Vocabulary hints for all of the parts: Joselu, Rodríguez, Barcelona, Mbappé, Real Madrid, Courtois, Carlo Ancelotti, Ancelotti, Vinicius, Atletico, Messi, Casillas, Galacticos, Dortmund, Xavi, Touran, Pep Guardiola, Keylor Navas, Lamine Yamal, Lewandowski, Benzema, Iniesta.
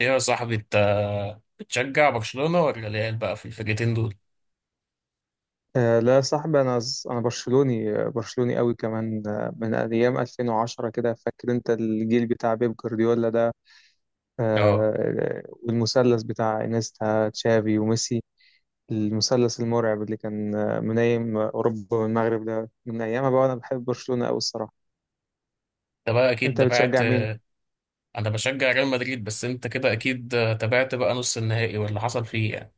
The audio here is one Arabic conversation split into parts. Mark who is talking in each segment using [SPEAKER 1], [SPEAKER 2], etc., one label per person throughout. [SPEAKER 1] ايه يا صاحبي انت بتشجع برشلونة ولا الريال بقى في الفرقتين دول؟
[SPEAKER 2] لا يا صاحبي انا انا برشلوني برشلوني قوي كمان، من ايام 2010 كده. فاكر انت الجيل بتاع بيب جوارديولا ده،
[SPEAKER 1] اه،
[SPEAKER 2] والمثلث بتاع انيستا تشافي وميسي. المثلث المرعب اللي كان منايم اوروبا والمغرب ده، من ايامها بقى انا بحب برشلونة قوي الصراحة.
[SPEAKER 1] انت بقى اكيد
[SPEAKER 2] انت
[SPEAKER 1] تابعت.
[SPEAKER 2] بتشجع مين؟
[SPEAKER 1] انا بشجع ريال مدريد، بس انت كده اكيد تابعت بقى نص النهائي واللي حصل فيه يعني.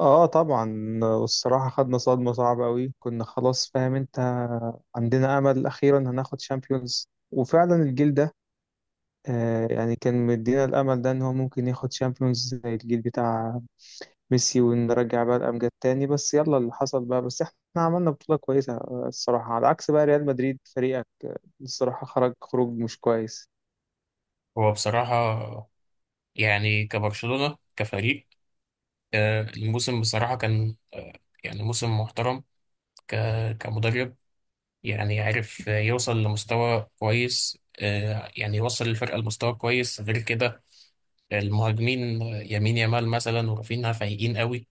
[SPEAKER 2] اه طبعا، والصراحة خدنا صدمة صعبة قوي. كنا خلاص فاهم انت، عندنا امل اخيرا هناخد شامبيونز، وفعلا الجيل ده يعني كان مدينا الأمل ده إن هو ممكن ياخد شامبيونز زي الجيل بتاع ميسي، ونرجع بقى الأمجاد تاني. بس يلا اللي حصل بقى، بس إحنا عملنا بطولة كويسة الصراحة، على عكس بقى ريال مدريد فريقك الصراحة خرج خروج مش كويس.
[SPEAKER 1] هو بصراحة يعني كبرشلونة كفريق، الموسم بصراحة كان يعني موسم محترم. كمدرب يعني عارف يوصل لمستوى كويس، يعني يوصل الفرقة لمستوى كويس. غير كده المهاجمين يمين يامال مثلا ورافينها فايقين قوي.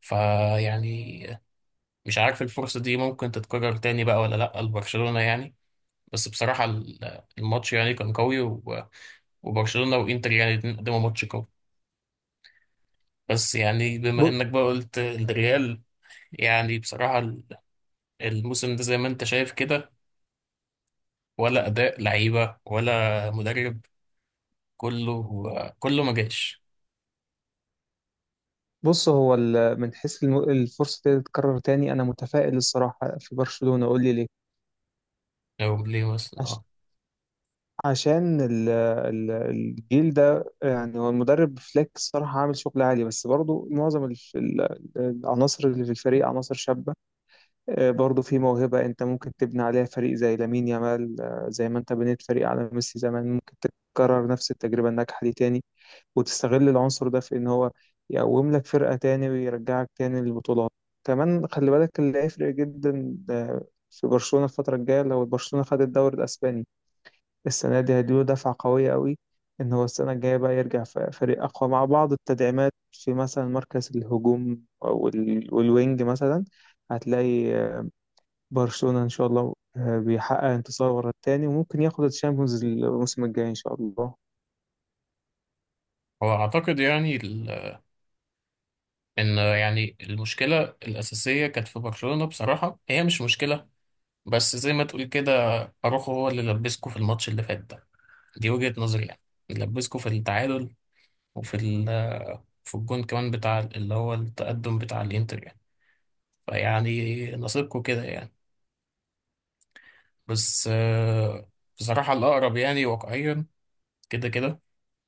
[SPEAKER 1] فيعني مش عارف الفرصة دي ممكن تتكرر تاني بقى ولا لأ لبرشلونة يعني. بس بصراحة الماتش يعني كان قوي وبرشلونة وإنتر يعني الاتنين قدموا ماتش قوي. بس يعني بما
[SPEAKER 2] ب-
[SPEAKER 1] إنك بقى قلت الريال، يعني بصراحة الموسم ده زي ما أنت شايف كده، ولا أداء لعيبة ولا مدرب، كله ما جاش.
[SPEAKER 2] بص، هو من حيث الفرصة دي تتكرر تاني أنا متفائل الصراحة في برشلونة. قول لي ليه؟
[SPEAKER 1] لو ليه مثلا
[SPEAKER 2] عش-
[SPEAKER 1] اه.
[SPEAKER 2] عشان الجيل ده، يعني هو المدرب فليك الصراحة عامل شغل عالي، بس برضه معظم العناصر اللي في الفريق عناصر شابة. برضه في موهبة أنت ممكن تبني عليها فريق زي لامين يامال، زي ما أنت بنيت فريق على ميسي زمان. ممكن تكرر نفس التجربة الناجحة دي تاني، وتستغل العنصر ده في إن هو يقوم لك فرقة تاني ويرجعك تاني للبطولات. كمان خلي بالك اللي هيفرق جدا في برشلونة الفترة الجاية، لو برشلونة خد الدوري الأسباني السنة دي هيديله دفعة قوية قوي، إن هو السنة الجاية بقى يرجع فريق أقوى مع بعض التدعيمات في مثلا مركز الهجوم أو والوينج مثلا. هتلاقي برشلونة إن شاء الله بيحقق انتصار ورا التاني، وممكن ياخد الشامبيونز الموسم الجاي إن شاء الله.
[SPEAKER 1] هو أعتقد يعني إن يعني المشكلة الأساسية كانت في برشلونة بصراحة، هي مش مشكلة، بس زي ما تقول كده، اروخو هو اللي لبسكو في الماتش اللي فات ده، دي وجهة نظري يعني. لبسكو في التعادل، وفي في الجون كمان بتاع اللي هو التقدم بتاع الانتر يعني. فيعني نصيبكو كده يعني. بس بصراحة الأقرب يعني واقعيا كده كده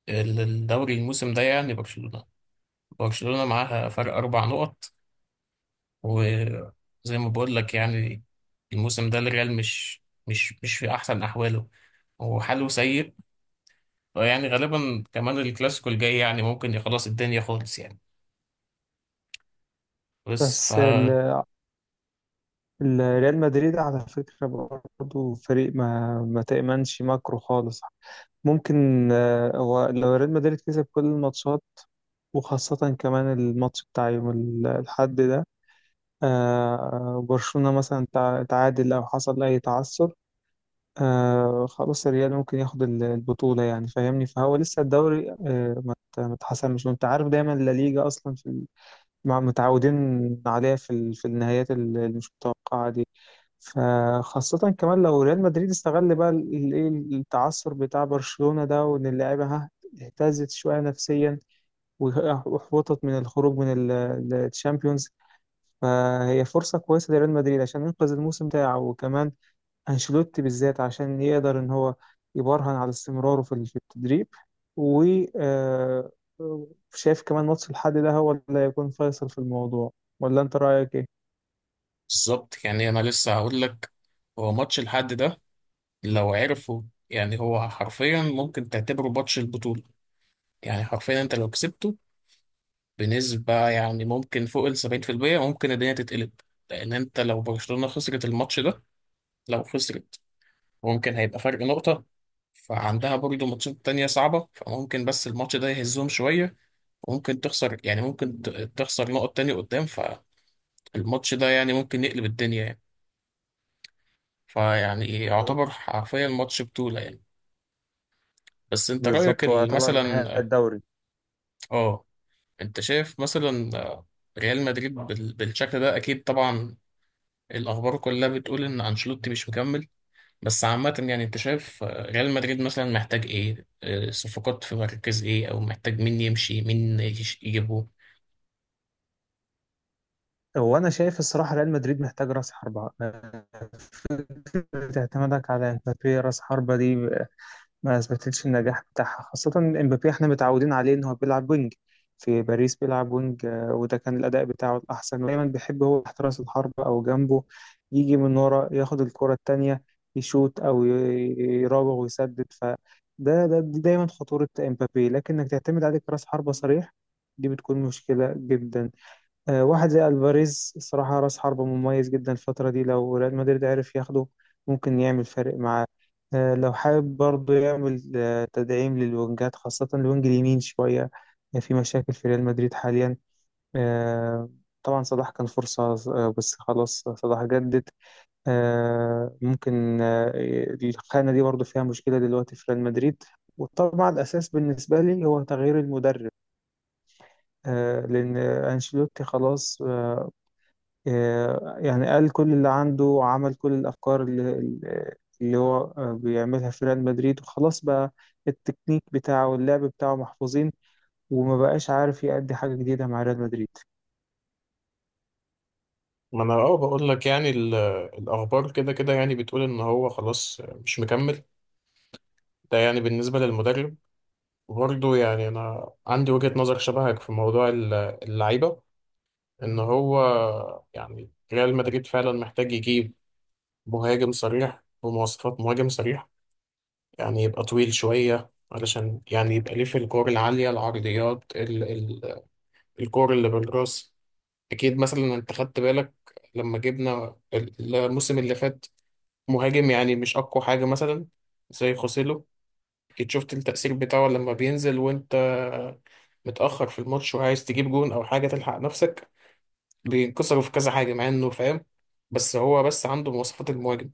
[SPEAKER 1] الدوري الموسم ده يعني برشلونة، معاها فرق أربع نقط. وزي ما بقول لك يعني الموسم ده الريال مش في أحسن أحواله. هو حاله سيء، يعني غالبا كمان الكلاسيكو الجاي يعني ممكن خلاص الدنيا خالص يعني. بس
[SPEAKER 2] بس ريال مدريد على فكرة برضه فريق ما تأمنش ماكرو خالص. ممكن هو لو ريال مدريد كسب كل الماتشات، وخاصة كمان الماتش بتاع يوم الحد ده، برشلونة مثلا تعادل أو حصل أي تعثر، آه خلاص الريال ممكن ياخد البطولة. يعني فاهمني، فهو لسه الدوري آه ما اتحسمش، وانت عارف دايما الليجا اصلا في متعودين عليها في في النهايات اللي مش متوقعة دي. فخاصة كمان لو ريال مدريد استغل بقى الايه التعثر بتاع برشلونة ده، وان اللعيبة ها اهتزت شوية نفسيا، واحبطت من الخروج من الشامبيونز، فهي فرصة كويسة لريال مدريد عشان ينقذ الموسم بتاعه، وكمان أنشيلوتي بالذات عشان يقدر إن هو يبرهن على استمراره في في التدريب، و آه، شايف كمان ماتش الحد ده هو اللي هيكون فيصل في الموضوع. ولا أنت رأيك إيه؟
[SPEAKER 1] بالظبط يعني انا لسه هقول لك. هو ماتش الحد ده لو عرفه يعني هو حرفيا ممكن تعتبره ماتش البطولة. يعني حرفيا انت لو كسبته بنسبة يعني ممكن فوق ال 70%، ممكن الدنيا تتقلب. لان انت لو برشلونة خسرت الماتش ده، لو خسرت، ممكن هيبقى فرق نقطة. فعندها برضه ماتشات تانية صعبة، فممكن بس الماتش ده يهزهم شوية، وممكن تخسر يعني ممكن تخسر نقط تاني قدام. فالماتش ده يعني ممكن يقلب الدنيا يعني، فيعني يعتبر حرفيا ماتش بطولة يعني. بس انت رأيك
[SPEAKER 2] بالظبط، هو يعتبر نهاية
[SPEAKER 1] مثلا
[SPEAKER 2] الدوري.
[SPEAKER 1] اه. انت شايف مثلا ريال مدريد بالشكل ده اكيد طبعا، الاخبار كلها بتقول ان انشيلوتي مش مكمل. بس عامة يعني انت شايف ريال مدريد مثلا محتاج ايه، صفقات في مركز ايه، او محتاج مين يمشي مين يجيبه.
[SPEAKER 2] هو أنا شايف الصراحة ريال مدريد محتاج رأس حربة. فكرة اعتمادك على مبابي رأس حربة دي ما اثبتتش النجاح بتاعها، خاصة امبابي احنا متعودين عليه ان هو بيلعب وينج. في باريس بيلعب وينج، وده كان الاداء بتاعه الاحسن. دايما بيحب هو تحت راس الحربة او جنبه، يجي من ورا ياخد الكرة التانية، يشوت او يراوغ ويسدد. فده ده دي دايما خطورة امبابي، لكن انك تعتمد عليه كراس حربة صريح دي بتكون مشكلة جدا. واحد زي الفاريز الصراحة راس حربة مميز جدا الفترة دي، لو ريال مدريد عرف ياخده ممكن يعمل فارق معاه. لو حابب برضه يعمل تدعيم للوينجات، خاصة الوينج اليمين شوية. في مشاكل في ريال مدريد حاليا، آه، طبعا صلاح كان فرصة، بس خلاص صلاح جدد. آه، ممكن آه، الخانة دي برضه فيها مشكلة دلوقتي في ريال مدريد. وطبعا الأساس بالنسبة لي هو تغيير المدرب، لأن أنشيلوتي خلاص، يعني قال كل اللي عنده، وعمل كل الأفكار اللي هو بيعملها في ريال مدريد، وخلاص بقى التكنيك بتاعه واللعب بتاعه محفوظين، وما بقاش عارف يأدي حاجة جديدة مع ريال مدريد.
[SPEAKER 1] ما انا اه بقول لك يعني الاخبار كده كده يعني بتقول ان هو خلاص مش مكمل. ده يعني بالنسبه للمدرب. وبرضه يعني انا عندي وجهه نظر شبهك في موضوع اللعيبه. ان هو يعني ريال مدريد فعلا محتاج يجيب مهاجم صريح بمواصفات مهاجم صريح. يعني يبقى طويل شويه علشان يعني يبقى ليه في الكور العاليه، العرضيات ال ال الكور اللي بالراس. اكيد مثلا انت خدت بالك لما جبنا الموسم اللي فات مهاجم، يعني مش أقوى حاجة مثلا زي خوسيلو. أكيد شفت التأثير بتاعه لما بينزل وأنت متأخر في الماتش وعايز تجيب جون أو حاجة تلحق نفسك، بينكسروا في كذا حاجة، مع إنه فاهم بس هو بس عنده مواصفات المهاجم.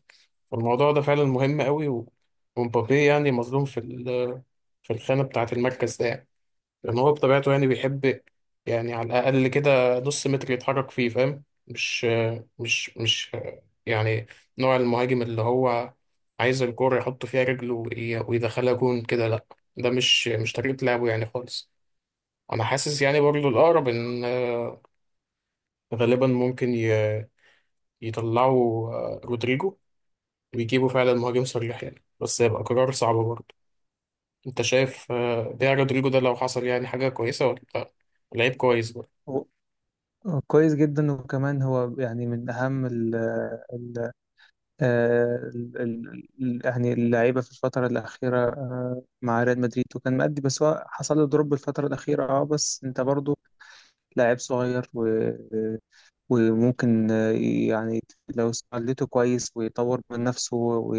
[SPEAKER 1] والموضوع ده فعلا مهم قوي ومبابي يعني مظلوم في في الخانة بتاعة المركز ده يعني. لأن هو بطبيعته يعني بيحب، يعني على الأقل كده نص متر يتحرك فيه، فاهم؟ مش مش مش يعني نوع المهاجم اللي هو عايز الكورة يحط فيها رجله ويدخلها جون كده، لأ. ده مش طريقة لعبه يعني خالص. أنا حاسس يعني برضه الأقرب إن غالبا ممكن يطلعوا رودريجو ويجيبوا فعلا مهاجم صريح يعني، بس هيبقى قرار صعب برضه. أنت شايف بيع رودريجو ده لو حصل يعني حاجة كويسة ولا لأ؟ لعيب كويس.
[SPEAKER 2] هو- هو كويس جدا، وكمان هو يعني من أهم ال ال آه، ال ال يعني اللعيبة في الفترة الأخيرة مع ريال مدريد، وكان مأدي، بس هو حصل له دروب الفترة الأخيرة. اه بس أنت برضو لاعب صغير، وممكن يعني لو استغلته كويس ويطور من نفسه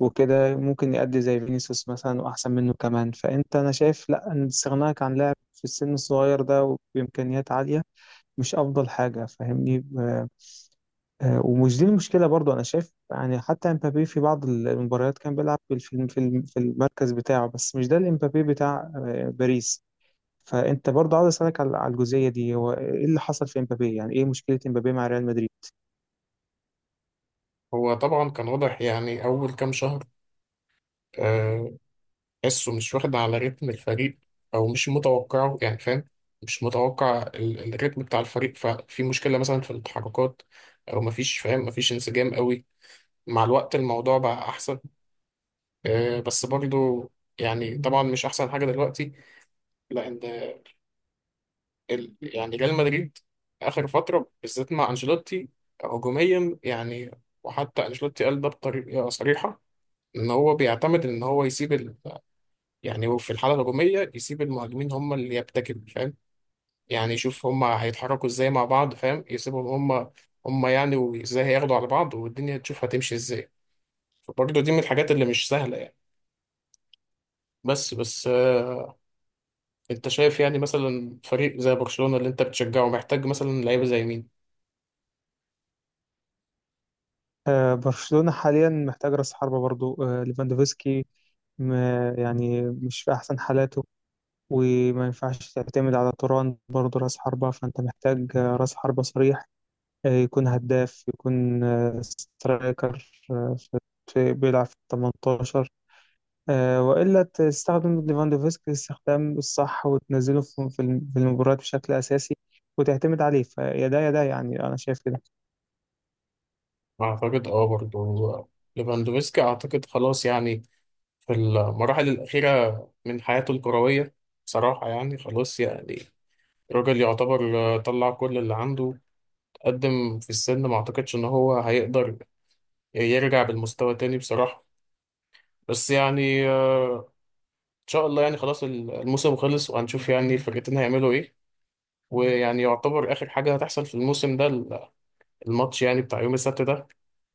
[SPEAKER 2] وكده ممكن يأدي زي فينيسيوس مثلا وأحسن منه كمان. فأنت أنا شايف لأ، إن استغناك عن لاعب في السن الصغير ده وبإمكانيات عالية مش أفضل حاجة. فاهمني؟ ومش دي المشكلة برضو. أنا شايف يعني حتى امبابي في بعض المباريات كان بيلعب في الفيلم في في المركز بتاعه، بس مش ده الامبابي بتاع باريس. فأنت برضو عاوز أسألك على على الجزئية دي، هو إيه اللي حصل في امبابي؟ يعني إيه مشكلة امبابي مع ريال مدريد؟
[SPEAKER 1] هو طبعا كان واضح يعني أول كام شهر آه، تحسه مش واخد على رتم الفريق، أو مش متوقعه يعني فاهم. مش متوقع الريتم بتاع الفريق، ففي مشكلة مثلا في التحركات أو مفيش، فاهم؟ مفيش انسجام قوي. مع الوقت الموضوع بقى أحسن، بس برضو يعني طبعا مش أحسن حاجة دلوقتي. لأن يعني ريال مدريد آخر فترة بالذات مع أنشيلوتي، هجوميا يعني، وحتى أنشيلوتي قال ده بطريقة صريحة، إن هو بيعتمد إن هو يسيب، يعني هو في الحاله الهجوميه يسيب المهاجمين هم اللي يبتكروا، فاهم؟ يعني يشوف هم هيتحركوا ازاي مع بعض، فاهم؟ يسيبهم هم يعني، وازاي هياخدوا على بعض والدنيا تشوف هتمشي ازاي. فبرضه دي من الحاجات اللي مش سهله يعني. بس، انت شايف يعني مثلا فريق زي برشلونه اللي انت بتشجعه محتاج مثلا لعيبه زي مين؟
[SPEAKER 2] برشلونة حاليا محتاج رأس حربة برضو. ليفاندوفسكي م- يعني مش في أحسن حالاته، وما ينفعش تعتمد على توران برضو رأس حربة. فأنت محتاج رأس حربة صريح، يكون هداف، يكون سترايكر، بيلعب في 18، وإلا تستخدم ليفاندوفسكي الاستخدام الصح وتنزله في في المباريات بشكل أساسي، وتعتمد عليه. فيا ده يا ده، يعني أنا شايف كده.
[SPEAKER 1] اعتقد اه برضه ليفاندوفسكي اعتقد خلاص يعني في المراحل الاخيره من حياته الكرويه. بصراحه يعني خلاص يعني الراجل يعتبر طلع كل اللي عنده. قدم في السن، ما اعتقدش ان هو هيقدر يرجع بالمستوى تاني بصراحة. بس يعني ان شاء الله يعني خلاص الموسم خلص، وهنشوف يعني الفرقتين هيعملوا ايه. ويعني يعتبر اخر حاجة هتحصل في الموسم ده الماتش يعني بتاع يوم السبت ده.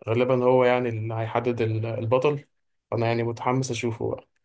[SPEAKER 1] غالبا هو يعني اللي هيحدد البطل. فانا يعني متحمس اشوفه بقى.